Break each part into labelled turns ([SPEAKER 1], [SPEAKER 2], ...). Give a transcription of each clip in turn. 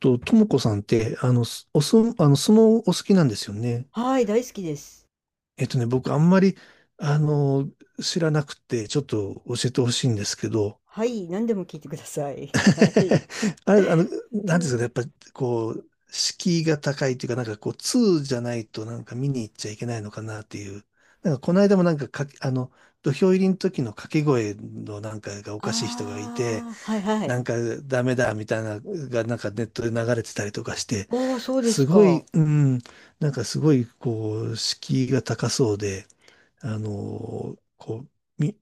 [SPEAKER 1] ともこさんって、すおそ、相撲お好きなんですよね。
[SPEAKER 2] はい、大好きです。
[SPEAKER 1] 僕あんまり、あの、知らなくて、ちょっと教えてほしいんですけど、
[SPEAKER 2] はい、何でも聞いてください。はい。
[SPEAKER 1] あれ、
[SPEAKER 2] う
[SPEAKER 1] なんていうんですかね、や
[SPEAKER 2] ん。
[SPEAKER 1] っぱ、こう、敷居が高いというか、なんかこう、通じゃないとなんか見に行っちゃいけないのかなっていう。なんかこの間もなんか土俵入りの時の掛け声のなんかがおかしい人がいて、
[SPEAKER 2] ああ、はいは
[SPEAKER 1] な
[SPEAKER 2] い。
[SPEAKER 1] んかダメだみたいなのがなんかネットで流れてたりとかして、
[SPEAKER 2] ああ、そうで
[SPEAKER 1] す
[SPEAKER 2] す
[SPEAKER 1] ご
[SPEAKER 2] か。
[SPEAKER 1] い、なんかすごいこう、敷居が高そうで、こう、み、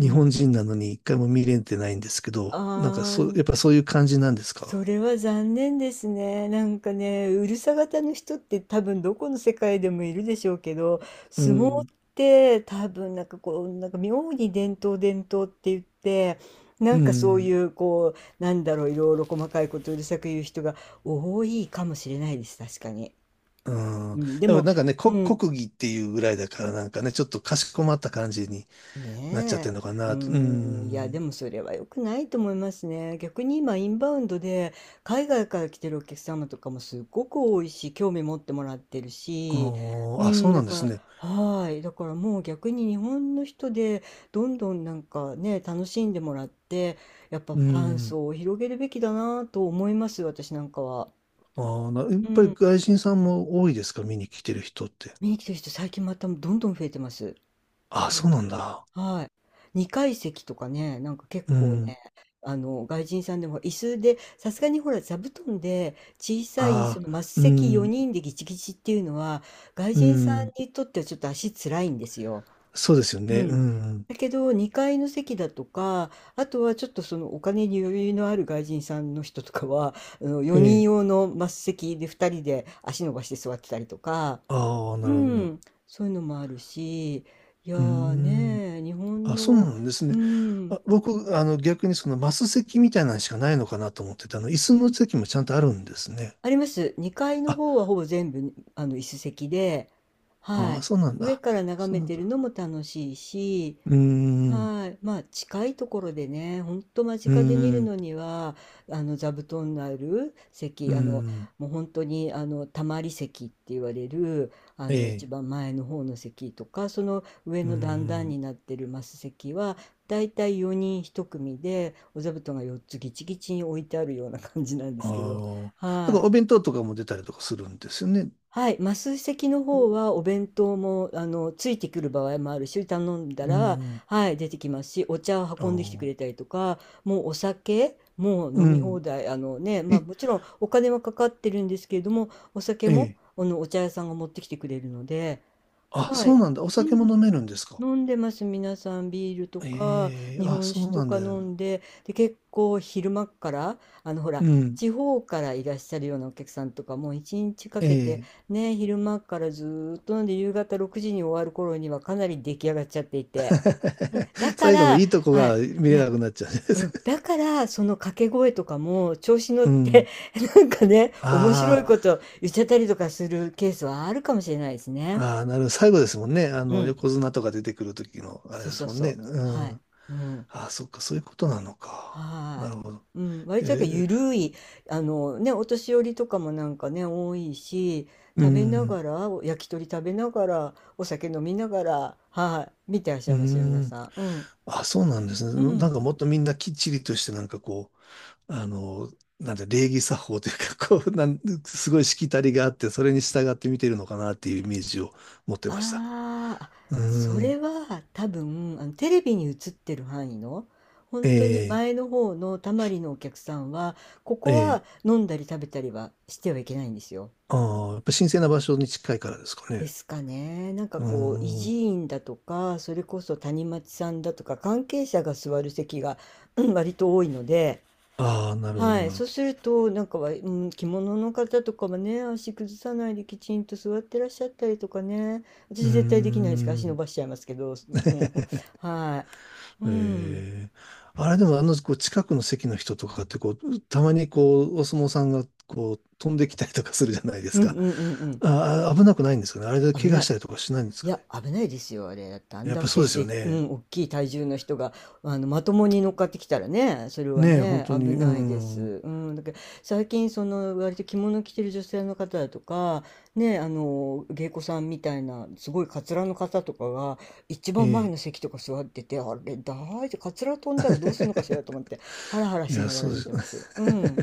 [SPEAKER 2] うん。
[SPEAKER 1] 本人なのに一回も見れてないんですけ
[SPEAKER 2] あ
[SPEAKER 1] ど、なんか
[SPEAKER 2] あ、
[SPEAKER 1] そう、やっぱそういう感じなんです
[SPEAKER 2] そ
[SPEAKER 1] か？
[SPEAKER 2] れは残念ですね。なんかね、うるさ型の人って多分どこの世界でもいるでしょうけど、
[SPEAKER 1] う
[SPEAKER 2] 相撲っ
[SPEAKER 1] ん、
[SPEAKER 2] て多分なんかこう、なんか妙に伝統伝統って言って、な
[SPEAKER 1] う
[SPEAKER 2] んかそうい
[SPEAKER 1] ん、
[SPEAKER 2] うこう、なんだろう、いろいろ細かいことをうるさく言う人が多いかもしれないです。確かに。
[SPEAKER 1] う
[SPEAKER 2] う
[SPEAKER 1] ん。
[SPEAKER 2] ん、で
[SPEAKER 1] でも
[SPEAKER 2] も、
[SPEAKER 1] なんかね、
[SPEAKER 2] うん、
[SPEAKER 1] 国技っていうぐらいだからなんかね、ちょっとかしこまった感じになっちゃって
[SPEAKER 2] ね
[SPEAKER 1] るのか
[SPEAKER 2] え、う
[SPEAKER 1] な。う
[SPEAKER 2] ん、いや、で
[SPEAKER 1] ん。
[SPEAKER 2] もそれは良くないと思いますね。逆に今、インバウンドで、海外から来てるお客様とかもすっごく多いし、興味持ってもらってる
[SPEAKER 1] あ
[SPEAKER 2] し、う
[SPEAKER 1] ーあ、そう
[SPEAKER 2] ん、
[SPEAKER 1] な
[SPEAKER 2] だ
[SPEAKER 1] んです
[SPEAKER 2] か
[SPEAKER 1] ね。
[SPEAKER 2] ら、はい、だからもう逆に日本の人で、どんどんなんかね、楽しんでもらって、やっぱフ
[SPEAKER 1] う
[SPEAKER 2] ァン
[SPEAKER 1] ん。
[SPEAKER 2] 層を広げるべきだなと思います、私なんかは。
[SPEAKER 1] ああ、やっ
[SPEAKER 2] う
[SPEAKER 1] ぱり
[SPEAKER 2] ん、
[SPEAKER 1] 外人さんも多いですか？見に来てる人って。
[SPEAKER 2] 見に来てる人、最近またどんどん増えてます。
[SPEAKER 1] ああ、
[SPEAKER 2] う
[SPEAKER 1] そう
[SPEAKER 2] ん、
[SPEAKER 1] なんだ。
[SPEAKER 2] はい。二階席とかね、なんか結
[SPEAKER 1] う
[SPEAKER 2] 構
[SPEAKER 1] ん。
[SPEAKER 2] ね、外人さんでも椅子で、さすがにほら座布団で小さいそ
[SPEAKER 1] ああ、
[SPEAKER 2] のマス
[SPEAKER 1] う
[SPEAKER 2] 席
[SPEAKER 1] ん、
[SPEAKER 2] 4人でギチギチっていうのは、外
[SPEAKER 1] う
[SPEAKER 2] 人さん
[SPEAKER 1] ん。
[SPEAKER 2] にとってはちょっと足つらいんですよ。
[SPEAKER 1] そうですよ
[SPEAKER 2] う
[SPEAKER 1] ね。う
[SPEAKER 2] ん。
[SPEAKER 1] ん。
[SPEAKER 2] だけど2階の席だとか、あとはちょっとそのお金に余裕のある外人さんの人とかは
[SPEAKER 1] え
[SPEAKER 2] 4人
[SPEAKER 1] え。
[SPEAKER 2] 用のマス席で2人で足伸ばして座ってたりとか、
[SPEAKER 1] ああ、な
[SPEAKER 2] う
[SPEAKER 1] るほど。
[SPEAKER 2] ん、そういうのもあるし、いや
[SPEAKER 1] うー
[SPEAKER 2] ー
[SPEAKER 1] ん。
[SPEAKER 2] ね、日本
[SPEAKER 1] あ、そう
[SPEAKER 2] の、
[SPEAKER 1] なんです
[SPEAKER 2] う
[SPEAKER 1] ね。あ、
[SPEAKER 2] ん、
[SPEAKER 1] 僕、逆にそのマス席みたいなのしかないのかなと思ってたの、椅子の席もちゃんとあるんですね。
[SPEAKER 2] あります。2階の
[SPEAKER 1] あ、
[SPEAKER 2] 方はほぼ全部、椅子席で、は
[SPEAKER 1] ああ、
[SPEAKER 2] い。
[SPEAKER 1] そうなん
[SPEAKER 2] 上
[SPEAKER 1] だ。
[SPEAKER 2] から眺
[SPEAKER 1] そう
[SPEAKER 2] め
[SPEAKER 1] なん
[SPEAKER 2] て
[SPEAKER 1] だ。
[SPEAKER 2] るのも楽しいし、
[SPEAKER 1] うーん、
[SPEAKER 2] はい。まあ、近いところでね、ほんと間
[SPEAKER 1] うー
[SPEAKER 2] 近で見る
[SPEAKER 1] ん、
[SPEAKER 2] のには、座布団のある
[SPEAKER 1] う
[SPEAKER 2] 席、
[SPEAKER 1] ーん、
[SPEAKER 2] もう本当に、たまり席って言われる、
[SPEAKER 1] え
[SPEAKER 2] 一
[SPEAKER 1] え、
[SPEAKER 2] 番前の方の席とか、その上
[SPEAKER 1] うー
[SPEAKER 2] の段々
[SPEAKER 1] ん。
[SPEAKER 2] になってるマス席は、だいたい4人一組で、お座布団が4つギチギチに置いてあるような感じなんで
[SPEAKER 1] あ
[SPEAKER 2] すけど、
[SPEAKER 1] あ、なん
[SPEAKER 2] は
[SPEAKER 1] か
[SPEAKER 2] い。
[SPEAKER 1] お弁当とかも出たりとかするんですよね。
[SPEAKER 2] はい、マス席の方はお弁当も、ついてくる場合もあるし、頼んだ
[SPEAKER 1] う
[SPEAKER 2] ら、
[SPEAKER 1] ん。
[SPEAKER 2] はい、出てきますし、お茶を
[SPEAKER 1] あ
[SPEAKER 2] 運んできてくれた
[SPEAKER 1] あ、
[SPEAKER 2] りとか、もうお酒、もう
[SPEAKER 1] う
[SPEAKER 2] 飲み放
[SPEAKER 1] ん。
[SPEAKER 2] 題、あのね、まあ
[SPEAKER 1] え、
[SPEAKER 2] もちろんお金はかかってるんですけれども、お酒
[SPEAKER 1] え
[SPEAKER 2] も、
[SPEAKER 1] え。
[SPEAKER 2] お茶屋さんが持ってきてくれるので、
[SPEAKER 1] あ、
[SPEAKER 2] は
[SPEAKER 1] そう
[SPEAKER 2] い。
[SPEAKER 1] なんだ。お
[SPEAKER 2] う
[SPEAKER 1] 酒も飲
[SPEAKER 2] ん、
[SPEAKER 1] めるんですか？
[SPEAKER 2] 飲んでます、皆さん。ビールとか、
[SPEAKER 1] ええ、
[SPEAKER 2] 日
[SPEAKER 1] あ、
[SPEAKER 2] 本
[SPEAKER 1] そ
[SPEAKER 2] 酒
[SPEAKER 1] う
[SPEAKER 2] と
[SPEAKER 1] なん
[SPEAKER 2] か
[SPEAKER 1] だ
[SPEAKER 2] 飲
[SPEAKER 1] よ。
[SPEAKER 2] んで、で、結構昼間っから、ほ
[SPEAKER 1] う
[SPEAKER 2] ら、
[SPEAKER 1] ん。
[SPEAKER 2] 地方からいらっしゃるようなお客さんとか、もう一日か
[SPEAKER 1] え
[SPEAKER 2] けて、
[SPEAKER 1] え。
[SPEAKER 2] ね、昼間っからずーっと飲んで、夕方6時に終わる頃にはかなり出来上がっちゃっていて。うん、だ か
[SPEAKER 1] 最後の
[SPEAKER 2] ら、
[SPEAKER 1] いいとこ
[SPEAKER 2] は
[SPEAKER 1] が
[SPEAKER 2] い、
[SPEAKER 1] 見
[SPEAKER 2] い
[SPEAKER 1] れ
[SPEAKER 2] や、
[SPEAKER 1] なくなっちゃうんで
[SPEAKER 2] うん、
[SPEAKER 1] す。
[SPEAKER 2] だから、その掛け声とかも、調子 乗っ
[SPEAKER 1] う
[SPEAKER 2] て
[SPEAKER 1] ん。
[SPEAKER 2] なんかね、面白
[SPEAKER 1] あ
[SPEAKER 2] いこと言っちゃったりとかするケースはあるかもしれないですね。
[SPEAKER 1] あ、ああ、なるほど。最後ですもんね。
[SPEAKER 2] うん、
[SPEAKER 1] 横綱とか出てくる時の、あれ
[SPEAKER 2] そう
[SPEAKER 1] で
[SPEAKER 2] そ
[SPEAKER 1] す
[SPEAKER 2] う
[SPEAKER 1] もん
[SPEAKER 2] そ
[SPEAKER 1] ね。
[SPEAKER 2] う。は
[SPEAKER 1] うん。
[SPEAKER 2] い。うん。
[SPEAKER 1] ああ、そっか、そういうことなのか。な
[SPEAKER 2] は
[SPEAKER 1] る
[SPEAKER 2] い。
[SPEAKER 1] ほど。
[SPEAKER 2] うん、割
[SPEAKER 1] え
[SPEAKER 2] となんか
[SPEAKER 1] え、
[SPEAKER 2] 緩い、あのね、お年寄りとかもなんかね、多いし、
[SPEAKER 1] う
[SPEAKER 2] 食べな
[SPEAKER 1] ん。
[SPEAKER 2] がら、お焼き鳥食べながら、お酒飲みながら、はい、見てらっしゃ
[SPEAKER 1] う
[SPEAKER 2] いますよ、皆
[SPEAKER 1] ん。
[SPEAKER 2] さん。うん。
[SPEAKER 1] あ、そうなんです
[SPEAKER 2] う
[SPEAKER 1] ね。な
[SPEAKER 2] ん。
[SPEAKER 1] んかもっとみんなきっちりとして、なんかこう、なんて礼儀作法というか、こう、すごいしきたりがあって、それに従って見てるのかなっていうイメージを持ってました。
[SPEAKER 2] あーあ、
[SPEAKER 1] う
[SPEAKER 2] そ
[SPEAKER 1] ー
[SPEAKER 2] れ
[SPEAKER 1] ん。
[SPEAKER 2] は多分、テレビに映ってる範囲の、本当に
[SPEAKER 1] ええ
[SPEAKER 2] 前の方のたまりのお客さんは、ここは
[SPEAKER 1] ええ
[SPEAKER 2] 飲んだり食べたりはしてはいけないんですよ。
[SPEAKER 1] ああ、やっぱ神聖な場所に近いからですか
[SPEAKER 2] で
[SPEAKER 1] ね。
[SPEAKER 2] すかね。なんか
[SPEAKER 1] う
[SPEAKER 2] こう、維
[SPEAKER 1] ー
[SPEAKER 2] 持
[SPEAKER 1] ん。
[SPEAKER 2] 員だとか、それこそ谷町さんだとか、関係者が座る席が、うん、割と多いので、
[SPEAKER 1] ああ、なるほど、
[SPEAKER 2] はい。
[SPEAKER 1] なる
[SPEAKER 2] そう
[SPEAKER 1] ほ
[SPEAKER 2] すると、なんかは、うん、着物の方とかもね、足崩さないできちんと座ってらっしゃったりとかね。
[SPEAKER 1] ど。う
[SPEAKER 2] 私
[SPEAKER 1] ー
[SPEAKER 2] 絶対できないですから、足伸
[SPEAKER 1] ん。
[SPEAKER 2] ばしちゃいますけど、もう、はい。うん。
[SPEAKER 1] ええあれでもこう近くの席の人とかってこう、たまにこう、お相撲さんがこう、飛んできたりとかするじゃないで
[SPEAKER 2] う
[SPEAKER 1] す
[SPEAKER 2] ん
[SPEAKER 1] か。
[SPEAKER 2] うんうん
[SPEAKER 1] ああ、危なくないんですかね。あれで
[SPEAKER 2] うん。危
[SPEAKER 1] 怪我
[SPEAKER 2] な
[SPEAKER 1] し
[SPEAKER 2] い。
[SPEAKER 1] たりとかしないんです
[SPEAKER 2] い
[SPEAKER 1] かね。
[SPEAKER 2] や、危ないですよ、あれ。だってあん
[SPEAKER 1] やっ
[SPEAKER 2] だ
[SPEAKER 1] ぱそう
[SPEAKER 2] け
[SPEAKER 1] ですよ
[SPEAKER 2] で、う
[SPEAKER 1] ね。
[SPEAKER 2] ん、大きい体重の人が、まともに乗っかってきたらね、それは
[SPEAKER 1] ねえ、本
[SPEAKER 2] ね、
[SPEAKER 1] 当
[SPEAKER 2] 危
[SPEAKER 1] に。う
[SPEAKER 2] ないで
[SPEAKER 1] ん。
[SPEAKER 2] す。うん、だけど、最近、その、割と着物着てる女性の方だとか、ね、芸妓さんみたいな、すごいカツラの方とかが、一
[SPEAKER 1] え
[SPEAKER 2] 番前
[SPEAKER 1] え。
[SPEAKER 2] の席とか座ってて、あれ、大丈夫、カツラ飛んだらどうするのかしらと 思って、ハラハラ
[SPEAKER 1] い
[SPEAKER 2] し
[SPEAKER 1] や、
[SPEAKER 2] なが
[SPEAKER 1] そう
[SPEAKER 2] ら
[SPEAKER 1] で
[SPEAKER 2] 見てます。
[SPEAKER 1] す。
[SPEAKER 2] うん。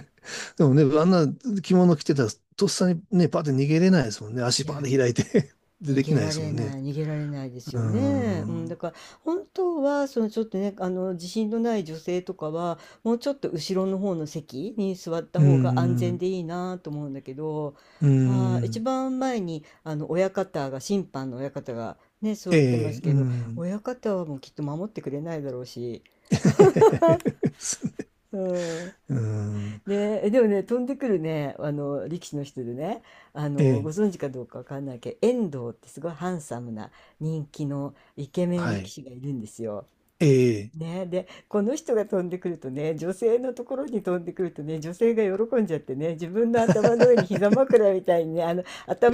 [SPEAKER 1] でもね、あんな着物着てたら、とっさにね、パッて逃げれないですもんね。足
[SPEAKER 2] いや
[SPEAKER 1] パーンで開いて
[SPEAKER 2] ー、逃
[SPEAKER 1] でき
[SPEAKER 2] げ
[SPEAKER 1] ないで
[SPEAKER 2] ら
[SPEAKER 1] すも
[SPEAKER 2] れ
[SPEAKER 1] んね。
[SPEAKER 2] ない、逃げられないです
[SPEAKER 1] うー
[SPEAKER 2] よね。う
[SPEAKER 1] ん。
[SPEAKER 2] ん、だ
[SPEAKER 1] う
[SPEAKER 2] から本当はそのちょっとね、あの自信のない女性とかはもうちょっと後ろの方の席に座った
[SPEAKER 1] ー
[SPEAKER 2] 方が安全
[SPEAKER 1] ん。
[SPEAKER 2] でいいなと思うんだけど、
[SPEAKER 1] うー
[SPEAKER 2] はあ、一
[SPEAKER 1] ん。
[SPEAKER 2] 番前にあの親方が審判の親方がね、座
[SPEAKER 1] え
[SPEAKER 2] ってま
[SPEAKER 1] え、
[SPEAKER 2] す
[SPEAKER 1] う
[SPEAKER 2] けど、
[SPEAKER 1] ん。
[SPEAKER 2] 親方はもうきっと守ってくれないだろうし、うん。
[SPEAKER 1] うん。
[SPEAKER 2] ねえ、でもね、飛んでくるね、力士の人でね、
[SPEAKER 1] え
[SPEAKER 2] ご
[SPEAKER 1] え。
[SPEAKER 2] 存知かどうかわかんないけど、遠藤ってすごいハンサムな人気のイケメン
[SPEAKER 1] は
[SPEAKER 2] 力
[SPEAKER 1] い。
[SPEAKER 2] 士がいるんですよ。
[SPEAKER 1] ええ。
[SPEAKER 2] ねで、この人が飛んでくるとね、女性のところに飛んでくるとね、女性が喜んじゃってね、自分の頭の上に膝 枕みたいにね、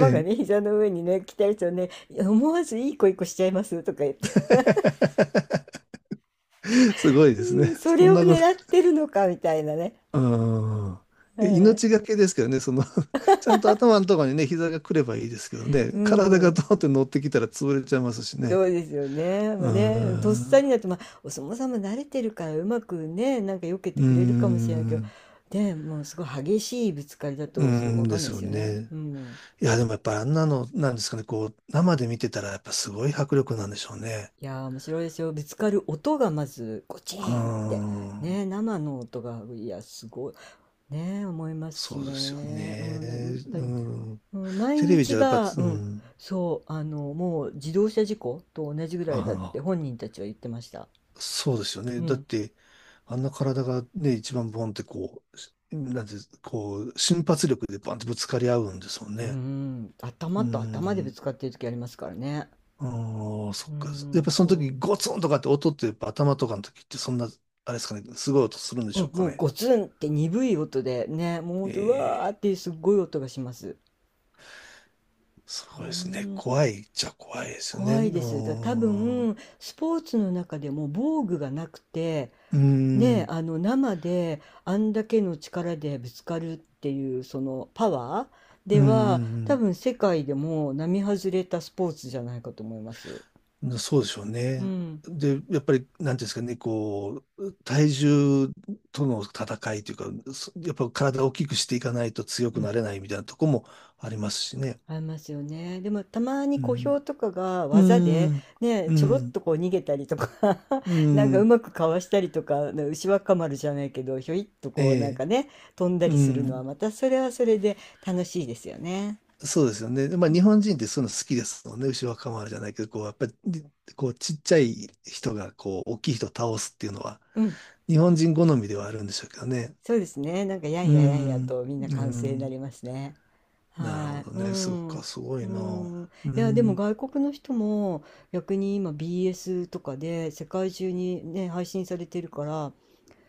[SPEAKER 1] え
[SPEAKER 2] が
[SPEAKER 1] え。
[SPEAKER 2] ね、膝の上にね、来たりするとね、思わずいい子いい子しちゃいますとか言って、
[SPEAKER 1] すごいですね。
[SPEAKER 2] うん、そ
[SPEAKER 1] そ
[SPEAKER 2] れ
[SPEAKER 1] ん
[SPEAKER 2] を
[SPEAKER 1] なこと。
[SPEAKER 2] 狙ってるのかみたいなね。
[SPEAKER 1] うん。
[SPEAKER 2] は
[SPEAKER 1] 命が
[SPEAKER 2] い、
[SPEAKER 1] けですけどね、ちゃんと頭のところにね、膝が来ればいいですけど
[SPEAKER 2] う
[SPEAKER 1] ね、体がド
[SPEAKER 2] ん、
[SPEAKER 1] ーンって乗ってきたら潰れちゃいますし
[SPEAKER 2] そ
[SPEAKER 1] ね。
[SPEAKER 2] うですよね。ま
[SPEAKER 1] うー
[SPEAKER 2] あね、とっさ
[SPEAKER 1] ん。
[SPEAKER 2] になって、まあ、お相撲さんも慣れてるから、うまくね、なんか避け
[SPEAKER 1] う
[SPEAKER 2] て
[SPEAKER 1] ー
[SPEAKER 2] くれるかもしれないけど、
[SPEAKER 1] ん。
[SPEAKER 2] ね、もうすごい激しいぶつかりだ
[SPEAKER 1] うー
[SPEAKER 2] と、そう、
[SPEAKER 1] ん
[SPEAKER 2] わか
[SPEAKER 1] で
[SPEAKER 2] んない
[SPEAKER 1] す
[SPEAKER 2] で
[SPEAKER 1] よ
[SPEAKER 2] すよね。
[SPEAKER 1] ね。
[SPEAKER 2] うん。
[SPEAKER 1] いや、でもやっぱあんなの、なんですかね、こう、生で見てたらやっぱすごい迫力なんでしょうね。
[SPEAKER 2] いやー、面白いですよ。ぶつかる音がまず、ゴチ
[SPEAKER 1] うー
[SPEAKER 2] ーンって。
[SPEAKER 1] ん。
[SPEAKER 2] ね、生の音が、いや、すごい。ね、思いますし
[SPEAKER 1] そうですよ
[SPEAKER 2] ね。うん、だからやっ
[SPEAKER 1] ね。
[SPEAKER 2] ぱ
[SPEAKER 1] う
[SPEAKER 2] り、
[SPEAKER 1] ん。
[SPEAKER 2] うん、毎
[SPEAKER 1] テレビじ
[SPEAKER 2] 日
[SPEAKER 1] ゃやっぱ、
[SPEAKER 2] が、
[SPEAKER 1] う
[SPEAKER 2] うん、
[SPEAKER 1] ん。
[SPEAKER 2] そう、もう自動車事故と同じぐら
[SPEAKER 1] あ
[SPEAKER 2] いだって
[SPEAKER 1] あ、
[SPEAKER 2] 本人たちは言ってました。
[SPEAKER 1] そうですよね。
[SPEAKER 2] う
[SPEAKER 1] だっ
[SPEAKER 2] ん。
[SPEAKER 1] て、あんな体がね、一番ボンってこう、なんて、こう、瞬発力でバンってぶつかり合うんですもん
[SPEAKER 2] うー
[SPEAKER 1] ね。
[SPEAKER 2] ん、頭
[SPEAKER 1] う
[SPEAKER 2] と頭でぶ
[SPEAKER 1] ん。
[SPEAKER 2] つかってる時ありますからね。
[SPEAKER 1] ああ、そ
[SPEAKER 2] う
[SPEAKER 1] っ
[SPEAKER 2] ー
[SPEAKER 1] か。やっ
[SPEAKER 2] ん、
[SPEAKER 1] ぱその時
[SPEAKER 2] そ
[SPEAKER 1] ゴツンとかって音ってやっぱ頭とかの時ってそんな、あれですかね、すごい音するんで
[SPEAKER 2] う。う
[SPEAKER 1] しょう
[SPEAKER 2] ん、
[SPEAKER 1] か
[SPEAKER 2] もう
[SPEAKER 1] ね。
[SPEAKER 2] ゴツンって鈍い音でね、もうほん
[SPEAKER 1] え
[SPEAKER 2] と、うわーっ
[SPEAKER 1] え、
[SPEAKER 2] ていうすっごい音がします。うー
[SPEAKER 1] そうですね。
[SPEAKER 2] ん、
[SPEAKER 1] 怖いっちゃ怖いですよね。
[SPEAKER 2] 怖い
[SPEAKER 1] う
[SPEAKER 2] で
[SPEAKER 1] ー
[SPEAKER 2] す。だ多
[SPEAKER 1] ん。う
[SPEAKER 2] 分、スポーツの中でも防具がなくて、
[SPEAKER 1] ー
[SPEAKER 2] ね、
[SPEAKER 1] ん。
[SPEAKER 2] 生であんだけの力でぶつかるっていう、そのパワー
[SPEAKER 1] うー
[SPEAKER 2] では、多
[SPEAKER 1] ん。
[SPEAKER 2] 分世界でも並外れたスポーツじゃないかと思います。
[SPEAKER 1] そうでしょう
[SPEAKER 2] う
[SPEAKER 1] ね。
[SPEAKER 2] ん。
[SPEAKER 1] で、やっぱり、なんていうんですかね、こう、体重との戦いというか、やっぱ体を大きくしていかないと強
[SPEAKER 2] う
[SPEAKER 1] くな
[SPEAKER 2] ん、
[SPEAKER 1] れないみたいなとこもありますしね。
[SPEAKER 2] ありますよね。でもたまに
[SPEAKER 1] う
[SPEAKER 2] 小
[SPEAKER 1] ん。
[SPEAKER 2] 兵とかが
[SPEAKER 1] う
[SPEAKER 2] 技
[SPEAKER 1] ー
[SPEAKER 2] で
[SPEAKER 1] ん。
[SPEAKER 2] ね、
[SPEAKER 1] う
[SPEAKER 2] ちょろっ
[SPEAKER 1] ん。
[SPEAKER 2] とこう逃げたりとか
[SPEAKER 1] う
[SPEAKER 2] なんかう
[SPEAKER 1] ん。
[SPEAKER 2] まくかわしたりとか、な牛若丸じゃないけど、ひょいっと
[SPEAKER 1] え
[SPEAKER 2] こうなん
[SPEAKER 1] え。
[SPEAKER 2] かね、飛んだ
[SPEAKER 1] う
[SPEAKER 2] りするのは
[SPEAKER 1] ん。
[SPEAKER 2] またそれはそれで楽しいですよね。
[SPEAKER 1] そうですよね。でまあ、日本人ってそういうの好きですもんね。牛若丸じゃないけど、こう、やっぱり、こう、ちっちゃい人が、こう、大きい人を倒すっていうのは、
[SPEAKER 2] うん、
[SPEAKER 1] 日本人好みではあるんでしょうけどね。
[SPEAKER 2] そうですね。なんかやん
[SPEAKER 1] う
[SPEAKER 2] ややんや
[SPEAKER 1] ん。
[SPEAKER 2] とみんな
[SPEAKER 1] う
[SPEAKER 2] 歓声になり
[SPEAKER 1] ん。
[SPEAKER 2] ますね。
[SPEAKER 1] なるほ
[SPEAKER 2] はい、
[SPEAKER 1] ど
[SPEAKER 2] う
[SPEAKER 1] ね。そっ
[SPEAKER 2] ん、
[SPEAKER 1] か、すご
[SPEAKER 2] う
[SPEAKER 1] いな。
[SPEAKER 2] ん。
[SPEAKER 1] う
[SPEAKER 2] いや、でも
[SPEAKER 1] ん。
[SPEAKER 2] 外国の人も逆に今 BS とかで世界中にね、配信されてるから、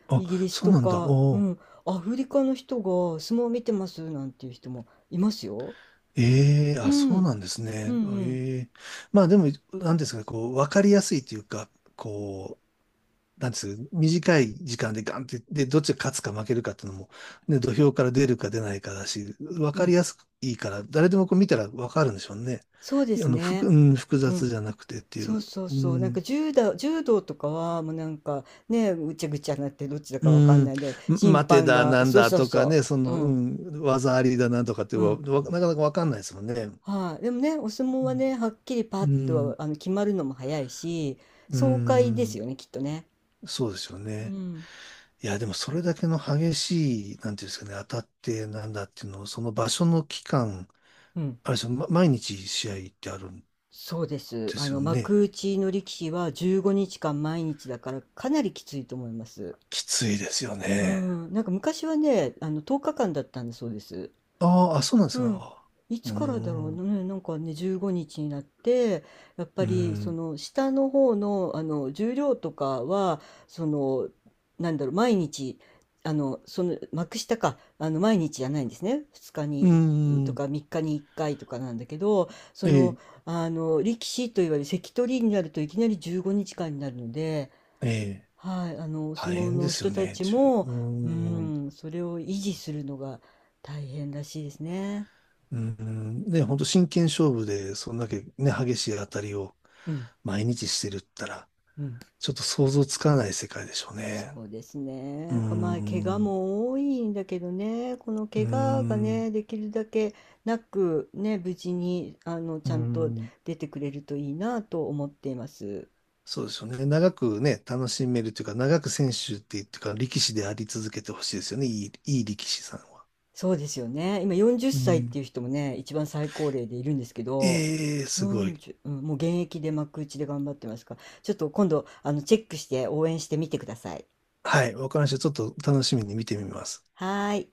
[SPEAKER 1] あ、
[SPEAKER 2] イギリス
[SPEAKER 1] そう
[SPEAKER 2] と
[SPEAKER 1] なんだ。
[SPEAKER 2] か、う
[SPEAKER 1] おー
[SPEAKER 2] ん、アフリカの人が相撲を見てますなんていう人もいますよ。
[SPEAKER 1] ええ
[SPEAKER 2] う
[SPEAKER 1] あ、
[SPEAKER 2] ん、う
[SPEAKER 1] そう
[SPEAKER 2] ん、
[SPEAKER 1] なんです
[SPEAKER 2] う
[SPEAKER 1] ね。あ
[SPEAKER 2] ん、
[SPEAKER 1] ええまあでも、なんですかね、こう、わかりやすいというか、こう、なんですかね、短い時間でガンって、で、どっちが勝つか負けるかっていうのも、ね、土俵から出るか出ないかだし、わ
[SPEAKER 2] う
[SPEAKER 1] かり
[SPEAKER 2] ん、
[SPEAKER 1] やすくいいから、誰でもこう見たらわかるんでしょうね。
[SPEAKER 2] そうで
[SPEAKER 1] いや、
[SPEAKER 2] すね。
[SPEAKER 1] 複
[SPEAKER 2] う
[SPEAKER 1] 雑
[SPEAKER 2] ん、
[SPEAKER 1] じゃなくてってい
[SPEAKER 2] そ
[SPEAKER 1] う。
[SPEAKER 2] うそう
[SPEAKER 1] う
[SPEAKER 2] そう。なん
[SPEAKER 1] ん。
[SPEAKER 2] か柔道、柔道とかはもうなんかね、ぐちゃぐちゃになってどっちだ
[SPEAKER 1] う
[SPEAKER 2] かわかん
[SPEAKER 1] ん、
[SPEAKER 2] ないで、審
[SPEAKER 1] 待て
[SPEAKER 2] 判
[SPEAKER 1] だ
[SPEAKER 2] が、
[SPEAKER 1] なん
[SPEAKER 2] そう
[SPEAKER 1] だ
[SPEAKER 2] そう
[SPEAKER 1] とか
[SPEAKER 2] そ
[SPEAKER 1] ね、
[SPEAKER 2] う。うん、
[SPEAKER 1] 技ありだなんとかって
[SPEAKER 2] うん。
[SPEAKER 1] なかなかわかんないですもんね。
[SPEAKER 2] はい、でもね、お相撲
[SPEAKER 1] う
[SPEAKER 2] は
[SPEAKER 1] ん
[SPEAKER 2] ね、はっきりパッ
[SPEAKER 1] う
[SPEAKER 2] と
[SPEAKER 1] ん、
[SPEAKER 2] あの決まるのも早いし、爽快ですよね、きっとね。
[SPEAKER 1] そうですよ
[SPEAKER 2] う
[SPEAKER 1] ね。
[SPEAKER 2] ん、
[SPEAKER 1] いや、でもそれだけの激しい、なんていうんですかね、当たってなんだっていうのを、その場所の期間、
[SPEAKER 2] うん。
[SPEAKER 1] あれですよ、毎日試合ってあるん
[SPEAKER 2] そうです。
[SPEAKER 1] ですよね。
[SPEAKER 2] 幕内の力士は15日間毎日だからかなりきついと思います。
[SPEAKER 1] きついですよ
[SPEAKER 2] う
[SPEAKER 1] ね。
[SPEAKER 2] ん。なんか昔はね、10日間だったんだそうです。
[SPEAKER 1] あーあ、そうなんです
[SPEAKER 2] う
[SPEAKER 1] ね。
[SPEAKER 2] ん。
[SPEAKER 1] あ
[SPEAKER 2] い
[SPEAKER 1] ー
[SPEAKER 2] つ
[SPEAKER 1] うー
[SPEAKER 2] からだろう
[SPEAKER 1] ん、
[SPEAKER 2] ね。なんかね、15日にちになって、やっ
[SPEAKER 1] う
[SPEAKER 2] ぱ
[SPEAKER 1] ー
[SPEAKER 2] りそ
[SPEAKER 1] ん、
[SPEAKER 2] の下の方の、あの重量とかは、その、なんだろう、毎日、幕下か、毎日じゃないんですね。2日
[SPEAKER 1] うー
[SPEAKER 2] にいと
[SPEAKER 1] ん、
[SPEAKER 2] か3日に1回とかなんだけど、そ
[SPEAKER 1] え
[SPEAKER 2] の、
[SPEAKER 1] え、
[SPEAKER 2] 力士といわれる関取になるといきなり15日間にちかんになるので、
[SPEAKER 1] ええ、
[SPEAKER 2] はい、お相
[SPEAKER 1] 大
[SPEAKER 2] 撲
[SPEAKER 1] 変で
[SPEAKER 2] の
[SPEAKER 1] すよ
[SPEAKER 2] 人た
[SPEAKER 1] ね。
[SPEAKER 2] ち
[SPEAKER 1] う
[SPEAKER 2] も、う
[SPEAKER 1] ーん
[SPEAKER 2] ん、それを維持するのが大変らしいですね。
[SPEAKER 1] うん、ね、本当真剣勝負で、そんだけね、激しい当たりを
[SPEAKER 2] うん。
[SPEAKER 1] 毎日してるったら、
[SPEAKER 2] うん。
[SPEAKER 1] ちょっと想像つかない世界でしょうね。
[SPEAKER 2] そうです
[SPEAKER 1] う
[SPEAKER 2] ね。かまあ、怪我
[SPEAKER 1] ん、う
[SPEAKER 2] も多いんだけどね、この怪我が
[SPEAKER 1] ん、
[SPEAKER 2] ね、できるだけなく、ね、無事に、
[SPEAKER 1] う
[SPEAKER 2] ちゃんと
[SPEAKER 1] ん、
[SPEAKER 2] 出てくれるといいなと思っています。
[SPEAKER 1] そうでしょうね。長くね、楽しめるというか、長く選手っていうか、力士であり続けてほしいですよね。いい力士さんは。
[SPEAKER 2] そうですよね。今40
[SPEAKER 1] う
[SPEAKER 2] 歳っさいって
[SPEAKER 1] ん、
[SPEAKER 2] いう人もね、一番最高齢でいるんですけど、
[SPEAKER 1] ええすごい。
[SPEAKER 2] 40、うん、もう現役で幕内で頑張ってますから、ちょっと今度、チェックして応援してみてください。
[SPEAKER 1] はい、わかりました。ちょっと楽しみに見てみます。
[SPEAKER 2] はーい。